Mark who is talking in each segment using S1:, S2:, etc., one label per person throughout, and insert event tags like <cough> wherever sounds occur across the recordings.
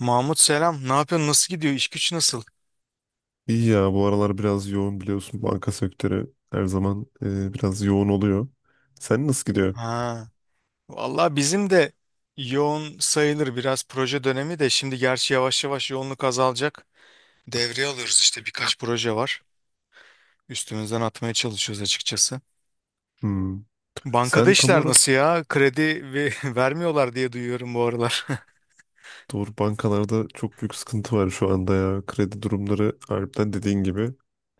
S1: Mahmut selam. Ne yapıyorsun? Nasıl gidiyor? İş güç nasıl?
S2: İyi ya, bu aralar biraz yoğun, biliyorsun. Banka sektörü her zaman biraz yoğun oluyor. Sen nasıl gidiyor?
S1: Ha. Vallahi bizim de yoğun sayılır, biraz proje dönemi de şimdi, gerçi yavaş yavaş yoğunluk azalacak. Devreye alıyoruz işte, birkaç proje var. Üstümüzden atmaya çalışıyoruz açıkçası.
S2: Hmm.
S1: Bankada
S2: Sen tam
S1: işler
S2: olarak
S1: nasıl ya? Kredi ve <laughs> vermiyorlar diye duyuyorum bu aralar.
S2: doğru, bankalarda çok büyük sıkıntı var şu anda ya. Kredi durumları harbiden dediğin gibi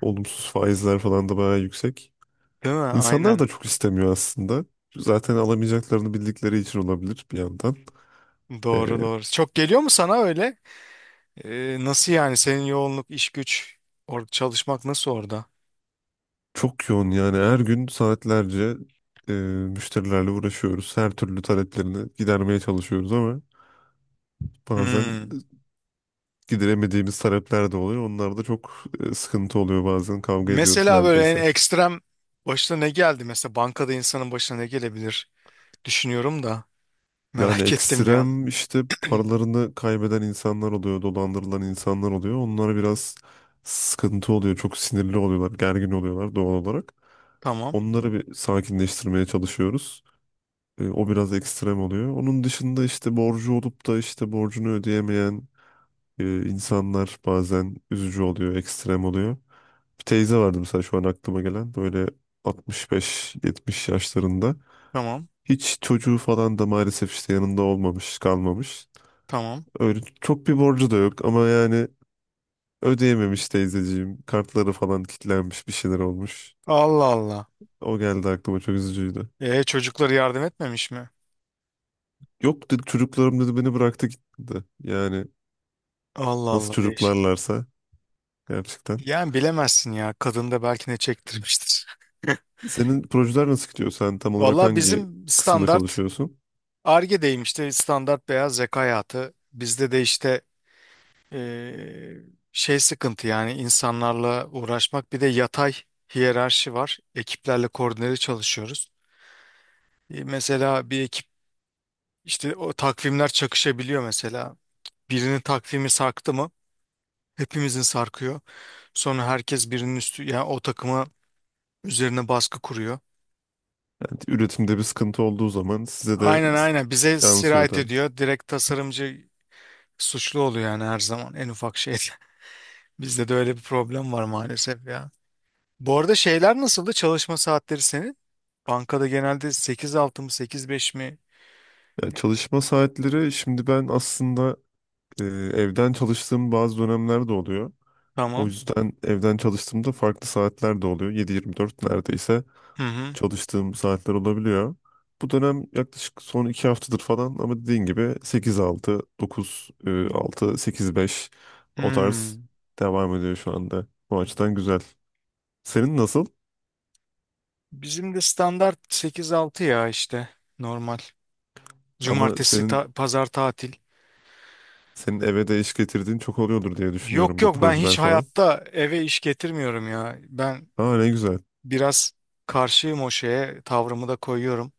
S2: olumsuz, faizler falan da bayağı yüksek.
S1: <laughs> Değil mi?
S2: İnsanlar
S1: Aynen.
S2: da çok istemiyor aslında. Zaten alamayacaklarını bildikleri için olabilir bir yandan. E,
S1: Doğru doğru. Çok geliyor mu sana öyle? Nasıl yani? Senin yoğunluk, iş güç, orada çalışmak nasıl orada?
S2: Çok yoğun yani, her gün saatlerce müşterilerle uğraşıyoruz. Her türlü taleplerini gidermeye çalışıyoruz ama bazen
S1: Hmm.
S2: gideremediğimiz talepler de oluyor. Onlar da çok sıkıntı oluyor bazen. Kavga ediyoruz
S1: Mesela böyle
S2: neredeyse.
S1: en ekstrem başına ne geldi? Mesela bankada insanın başına ne gelebilir? Düşünüyorum da
S2: Yani
S1: merak ettim bir an.
S2: ekstrem işte, paralarını kaybeden insanlar oluyor, dolandırılan insanlar oluyor. Onlar biraz sıkıntı oluyor. Çok sinirli oluyorlar, gergin oluyorlar doğal olarak.
S1: Tamam,
S2: Onları bir sakinleştirmeye çalışıyoruz. O biraz ekstrem oluyor. Onun dışında işte borcu olup da işte borcunu ödeyemeyen insanlar bazen üzücü oluyor, ekstrem oluyor. Bir teyze vardı mesela şu an aklıma gelen, böyle 65-70 yaşlarında.
S1: tamam,
S2: Hiç çocuğu falan da maalesef işte yanında olmamış, kalmamış.
S1: tamam.
S2: Öyle çok bir borcu da yok ama yani ödeyememiş teyzeciğim. Kartları falan kilitlenmiş, bir şeyler olmuş.
S1: Allah Allah.
S2: O geldi aklıma, çok üzücüydü.
S1: E, çocuklara yardım etmemiş mi?
S2: Yok dedi, çocuklarım dedi beni bıraktı gitti. Yani
S1: Allah
S2: nasıl
S1: Allah, değişik.
S2: çocuklarlarsa gerçekten.
S1: Yani bilemezsin ya. Kadın da belki ne çektirmiştir. <laughs>
S2: Senin projeler nasıl gidiyor? Sen tam olarak
S1: Valla
S2: hangi
S1: bizim
S2: kısımda
S1: standart
S2: çalışıyorsun?
S1: Ar-Ge'deyim işte, standart beyaz yaka hayatı. Bizde de işte, Ee, şey sıkıntı yani, insanlarla uğraşmak. Bir de yatay hiyerarşi var. Ekiplerle koordineli çalışıyoruz. Mesela bir ekip işte, o takvimler çakışabiliyor mesela. Birinin takvimi sarktı mı hepimizin sarkıyor. Sonra herkes birinin üstü, yani o takıma üzerine baskı kuruyor.
S2: Yani üretimde bir sıkıntı olduğu zaman size de
S1: Aynen aynen, bize
S2: yansıyor
S1: sirayet
S2: tabii.
S1: ediyor. Direkt tasarımcı suçlu oluyor yani, her zaman en ufak şeyde. <laughs> Bizde de öyle bir problem var maalesef ya. Bu arada şeyler nasıldı? Çalışma saatleri senin? Bankada genelde 8-6 mı, 8-5 mi?
S2: Ya çalışma saatleri şimdi, ben aslında evden çalıştığım bazı dönemler de oluyor. O
S1: Tamam.
S2: yüzden evden çalıştığımda farklı saatler de oluyor. 7-24 neredeyse
S1: Hı hı.
S2: çalıştığım saatler olabiliyor. Bu dönem yaklaşık son 2 haftadır falan, ama dediğin gibi 8-6, 9-6, 8-5 o tarz
S1: Hmm.
S2: devam ediyor şu anda. Bu açıdan güzel. Senin nasıl?
S1: Bizim de standart 8-6 ya işte, normal.
S2: Ama
S1: Cumartesi
S2: senin
S1: pazar tatil.
S2: senin eve de iş getirdiğin çok oluyordur diye
S1: Yok
S2: düşünüyorum, bu
S1: yok, ben
S2: projeler
S1: hiç
S2: falan.
S1: hayatta eve iş getirmiyorum ya. Ben
S2: Aa, ne güzel.
S1: biraz karşıyım o şeye, tavrımı da koyuyorum.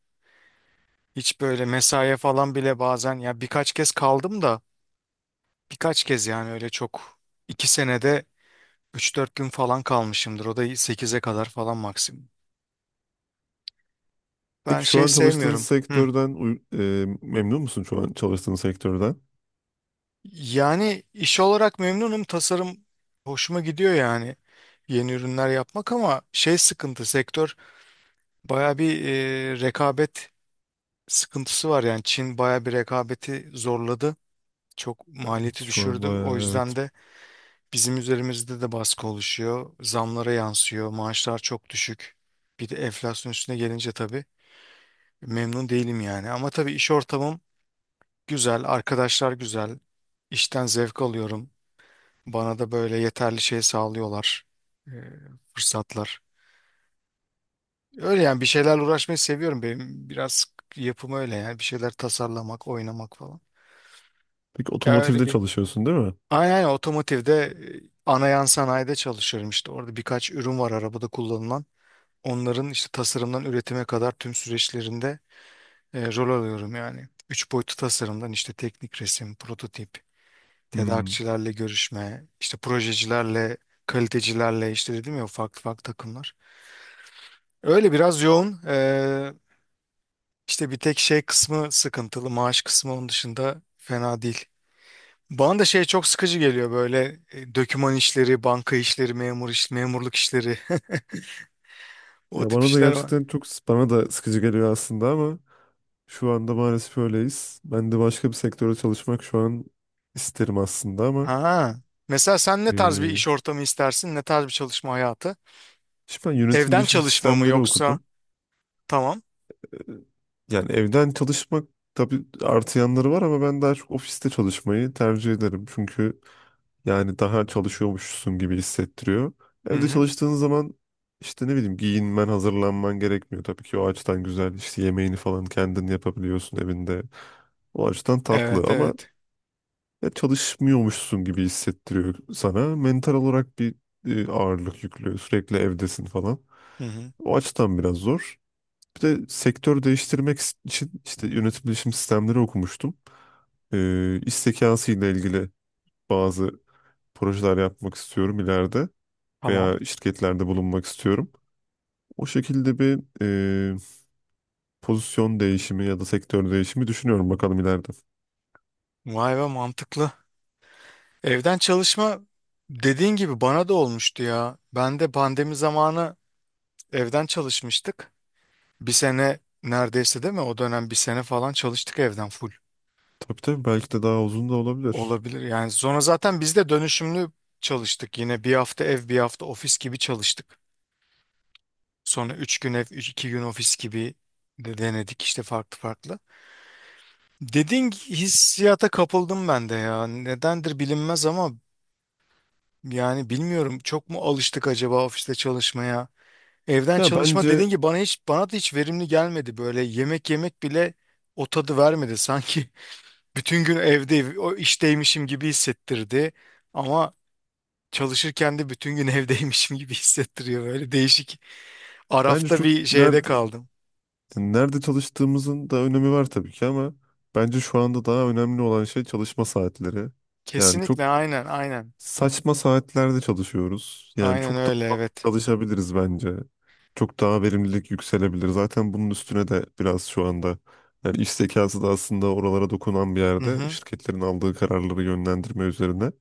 S1: Hiç böyle mesaiye falan bile, bazen ya birkaç kez kaldım da, birkaç kez yani öyle çok, 2 senede 3-4 gün falan kalmışımdır. O da 8'e kadar falan, maksimum. Ben
S2: Peki şu
S1: şey
S2: an çalıştığınız
S1: sevmiyorum. Hı.
S2: sektörden memnun musun şu an çalıştığın sektörden?
S1: Yani iş olarak memnunum. Tasarım hoşuma gidiyor yani. Yeni ürünler yapmak, ama şey sıkıntı sektör, baya bir rekabet sıkıntısı var yani. Çin baya bir rekabeti zorladı. Çok
S2: Evet,
S1: maliyeti
S2: şu an
S1: düşürdü. O
S2: bayağı
S1: yüzden
S2: evet.
S1: de bizim üzerimizde de baskı oluşuyor. Zamlara yansıyor. Maaşlar çok düşük. Bir de enflasyon üstüne gelince tabii memnun değilim yani. Ama tabii iş ortamım güzel, arkadaşlar güzel. İşten zevk alıyorum. Bana da böyle yeterli şey sağlıyorlar. e, fırsatlar. Öyle yani, bir şeylerle uğraşmayı seviyorum. Benim biraz yapım öyle yani. Bir şeyler tasarlamak, oynamak falan.
S2: Peki
S1: Ya öyle
S2: otomotivde
S1: bir...
S2: çalışıyorsun, değil mi?
S1: Aynen aynen, otomotivde ana yan sanayide çalışıyorum işte. Orada birkaç ürün var arabada kullanılan. Onların işte tasarımdan üretime kadar tüm süreçlerinde rol alıyorum yani. Üç boyutlu tasarımdan işte teknik resim, prototip,
S2: Hmm.
S1: tedarikçilerle görüşme, işte projecilerle, kalitecilerle işte, dedim ya, farklı farklı takımlar. Öyle biraz yoğun. İşte bir tek şey kısmı sıkıntılı. Maaş kısmı onun dışında fena değil. Bana da şey çok sıkıcı geliyor böyle, döküman işleri, banka işleri, memur iş, memurluk işleri. <laughs> O
S2: Ya
S1: tip
S2: bana da
S1: işler var.
S2: gerçekten çok, bana da sıkıcı geliyor aslında ama şu anda maalesef öyleyiz. Ben de başka bir sektörde çalışmak şu an isterim aslında ama
S1: Ha. Mesela sen ne tarz bir
S2: e,
S1: iş ortamı istersin? Ne tarz bir çalışma hayatı?
S2: şimdi ben yönetim
S1: Evden
S2: bilişim
S1: çalışma mı
S2: sistemleri
S1: yoksa?
S2: okudum.
S1: Tamam.
S2: E, Yani evden çalışmak tabii artı yanları var ama ben daha çok ofiste çalışmayı tercih ederim. Çünkü yani daha çalışıyormuşsun gibi hissettiriyor.
S1: Hı
S2: Evde
S1: hı.
S2: çalıştığın zaman işte ne bileyim, giyinmen, hazırlanman gerekmiyor. Tabii ki o açıdan güzel. İşte yemeğini falan kendin yapabiliyorsun evinde. O açıdan tatlı
S1: Evet,
S2: ama
S1: evet.
S2: ya çalışmıyormuşsun gibi hissettiriyor sana. Mental olarak bir ağırlık yüklüyor. Sürekli evdesin falan.
S1: Hı hı.
S2: O açıdan biraz zor. Bir de sektör değiştirmek için işte yönetim bilişim sistemleri okumuştum. İş zekası ile ilgili bazı projeler yapmak istiyorum ileride
S1: Tamam.
S2: veya şirketlerde bulunmak istiyorum. O şekilde bir e, pozisyon değişimi ya da sektör değişimi düşünüyorum, bakalım ileride.
S1: Vay be, mantıklı. Evden çalışma dediğin gibi bana da olmuştu ya. Ben de pandemi zamanı evden çalışmıştık. Bir sene neredeyse değil mi? O dönem bir sene falan çalıştık evden full.
S2: Tabii tabii, belki de daha uzun da olabilir.
S1: Olabilir yani. Sonra zaten biz de dönüşümlü çalıştık. Yine bir hafta ev, bir hafta ofis gibi çalıştık. Sonra üç gün ev, üç, iki gün ofis gibi de denedik işte, farklı farklı. Dediğin hissiyata kapıldım ben de ya. Nedendir bilinmez ama, yani bilmiyorum, çok mu alıştık acaba ofiste çalışmaya? Evden
S2: Ya
S1: çalışma
S2: bence
S1: dediğin gibi bana da hiç verimli gelmedi. Böyle yemek yemek bile o tadı vermedi <laughs> sanki. Bütün gün evde, o işteymişim gibi hissettirdi. Ama çalışırken de bütün gün <laughs> evdeymişim gibi hissettiriyor. Böyle değişik.
S2: bence
S1: Arafta
S2: çok
S1: bir şeyde
S2: nerede
S1: kaldım.
S2: nerede çalıştığımızın da önemi var tabii ki, ama bence şu anda daha önemli olan şey çalışma saatleri. Yani çok
S1: Kesinlikle, aynen aynen.
S2: saçma saatlerde çalışıyoruz. Yani
S1: Aynen
S2: çok
S1: öyle,
S2: daha
S1: evet.
S2: çalışabiliriz bence. Çok daha verimlilik yükselebilir. Zaten bunun üstüne de biraz şu anda yani iş zekası da aslında oralara dokunan bir
S1: Hı
S2: yerde,
S1: hı.
S2: şirketlerin aldığı kararları yönlendirme üzerine.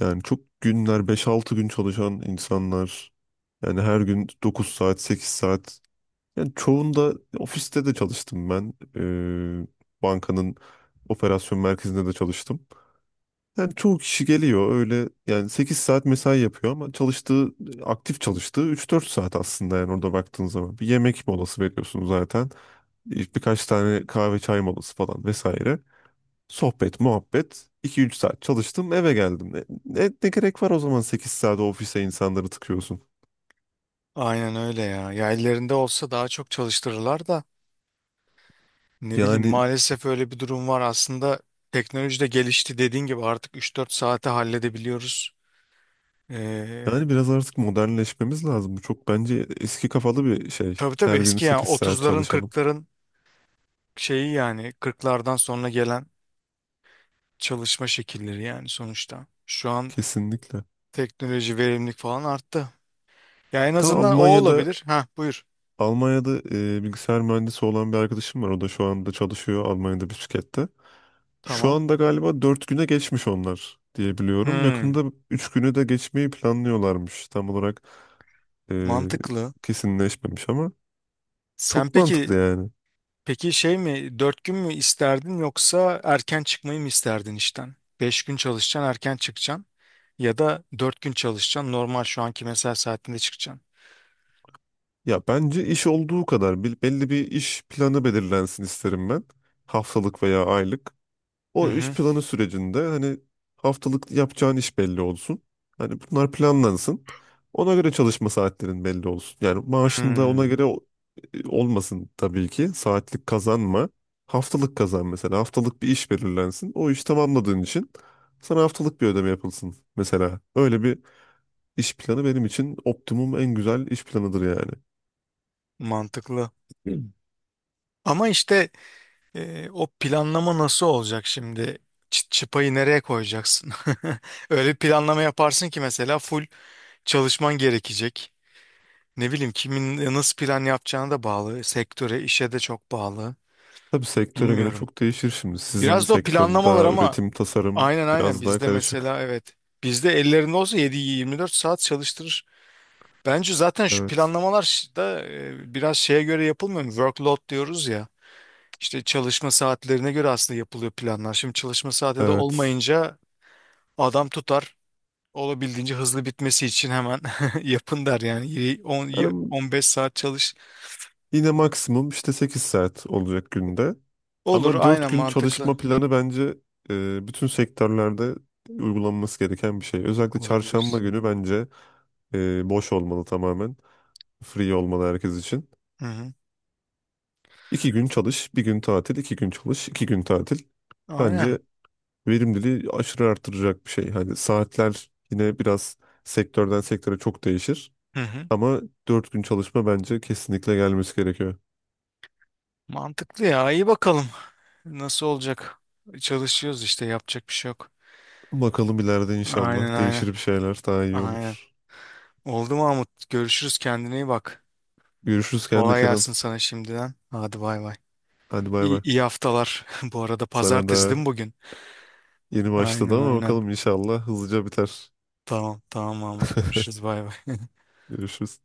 S2: Yani çok günler, beş altı gün çalışan insanlar, yani her gün 9 saat 8 saat, yani çoğunda ofiste de çalıştım ben. Bankanın operasyon merkezinde de çalıştım. Yani çoğu kişi geliyor, öyle yani 8 saat mesai yapıyor ama çalıştığı, aktif çalıştığı 3 4 saat aslında yani, orada baktığın zaman. Bir yemek molası veriyorsun zaten. Birkaç tane kahve çay molası falan vesaire. Sohbet, muhabbet. 2 3 saat çalıştım, eve geldim. Ne gerek var o zaman 8 saat ofise insanları tıkıyorsun?
S1: Aynen öyle ya. Ya ellerinde olsa daha çok çalıştırırlar da. Ne bileyim,
S2: Yani
S1: maalesef öyle bir durum var. Aslında teknoloji de gelişti, dediğin gibi artık 3-4 saate halledebiliyoruz. Ee,
S2: yani biraz artık modernleşmemiz lazım. Bu çok bence eski kafalı bir şey,
S1: tabii tabii,
S2: her gün
S1: eski yani
S2: 8 saat
S1: 30'ların
S2: çalışalım.
S1: 40'ların şeyi, yani 40'lardan sonra gelen çalışma şekilleri yani, sonuçta. Şu an
S2: Kesinlikle.
S1: teknoloji, verimlilik falan arttı. Ya en
S2: Ta
S1: azından o
S2: Almanya'da,
S1: olabilir. Ha, buyur.
S2: Bilgisayar mühendisi olan bir arkadaşım var. O da şu anda çalışıyor Almanya'da bir şirkette. Şu
S1: Tamam.
S2: anda galiba 4 güne geçmiş onlar diye biliyorum.
S1: Hmm,
S2: Yakında 3 günü de geçmeyi planlıyorlarmış. Tam olarak e,
S1: mantıklı.
S2: kesinleşmemiş ama
S1: Sen
S2: çok mantıklı
S1: peki
S2: yani.
S1: peki şey mi, 4 gün mü isterdin yoksa erken çıkmayı mı isterdin işten? 5 gün çalışacaksın, erken çıkacaksın, ya da 4 gün çalışacaksın, normal şu anki mesai saatinde çıkacaksın.
S2: Ya bence iş olduğu kadar, belli bir iş planı belirlensin isterim ben. Haftalık veya aylık.
S1: Hı
S2: O iş
S1: hı.
S2: planı sürecinde hani haftalık yapacağın iş belli olsun. Hani bunlar planlansın. Ona göre çalışma saatlerin belli olsun. Yani maaşın da ona
S1: Hmm,
S2: göre olmasın tabii ki. Saatlik kazanma. Haftalık kazan mesela. Haftalık bir iş belirlensin. O iş tamamladığın için sana haftalık bir ödeme yapılsın mesela. Öyle bir iş planı benim için optimum en güzel iş planıdır yani.
S1: mantıklı. <clears throat> Ama işte, o planlama nasıl olacak şimdi? Çıpayı nereye koyacaksın? <laughs> Öyle bir planlama yaparsın ki, mesela full çalışman gerekecek. Ne bileyim, kimin nasıl plan yapacağına da bağlı. Sektöre, işe de çok bağlı.
S2: Tabii sektöre göre
S1: Bilmiyorum.
S2: çok değişir şimdi. Sizin
S1: Biraz da o
S2: sektör
S1: planlamalar
S2: daha
S1: ama,
S2: üretim, tasarım,
S1: aynen aynen
S2: biraz daha
S1: bizde
S2: karışık.
S1: mesela, evet. Bizde ellerinde olsa 7-24 saat çalıştırır. Bence zaten şu
S2: Evet.
S1: planlamalar da biraz şeye göre yapılmıyor mu? Workload diyoruz ya. İşte çalışma saatlerine göre aslında yapılıyor planlar. Şimdi çalışma saati de
S2: Evet.
S1: olmayınca adam tutar. Olabildiğince hızlı bitmesi için hemen <laughs> yapın der yani.
S2: Yani
S1: 15 saat çalış.
S2: yine maksimum işte 8 saat olacak günde.
S1: Olur,
S2: Ama 4
S1: aynen,
S2: gün
S1: mantıklı.
S2: çalışma planı bence bütün sektörlerde uygulanması gereken bir şey. Özellikle çarşamba
S1: Olabilir.
S2: günü bence boş olmalı tamamen. Free olmalı herkes için.
S1: Hı hı.
S2: 2 gün çalış, 1 gün tatil, 2 gün çalış, 2 gün tatil.
S1: Aynen.
S2: Bence verimliliği aşırı artıracak bir şey. Hani saatler yine biraz sektörden sektöre çok değişir.
S1: Hı hı.
S2: Ama 4 gün çalışma bence kesinlikle gelmesi gerekiyor.
S1: Mantıklı ya. İyi bakalım. Nasıl olacak? Çalışıyoruz işte, yapacak bir şey yok.
S2: Bakalım ileride
S1: Aynen
S2: inşallah
S1: aynen.
S2: değişir, bir şeyler daha iyi
S1: Aynen.
S2: olur.
S1: Oldu Mahmut. Görüşürüz. Kendine iyi bak.
S2: Görüşürüz
S1: Kolay
S2: Kenan.
S1: gelsin sana şimdiden. Hadi bay bay.
S2: Hadi bay
S1: İyi,
S2: bay.
S1: iyi haftalar. <laughs> Bu arada
S2: Sana
S1: pazartesi
S2: da
S1: değil mi bugün?
S2: yeni başladı
S1: Aynen
S2: ama
S1: aynen.
S2: bakalım inşallah hızlıca biter.
S1: Tamam tamam Mahmut. Görüşürüz.
S2: <laughs>
S1: Bay bay.
S2: Görüşürüz.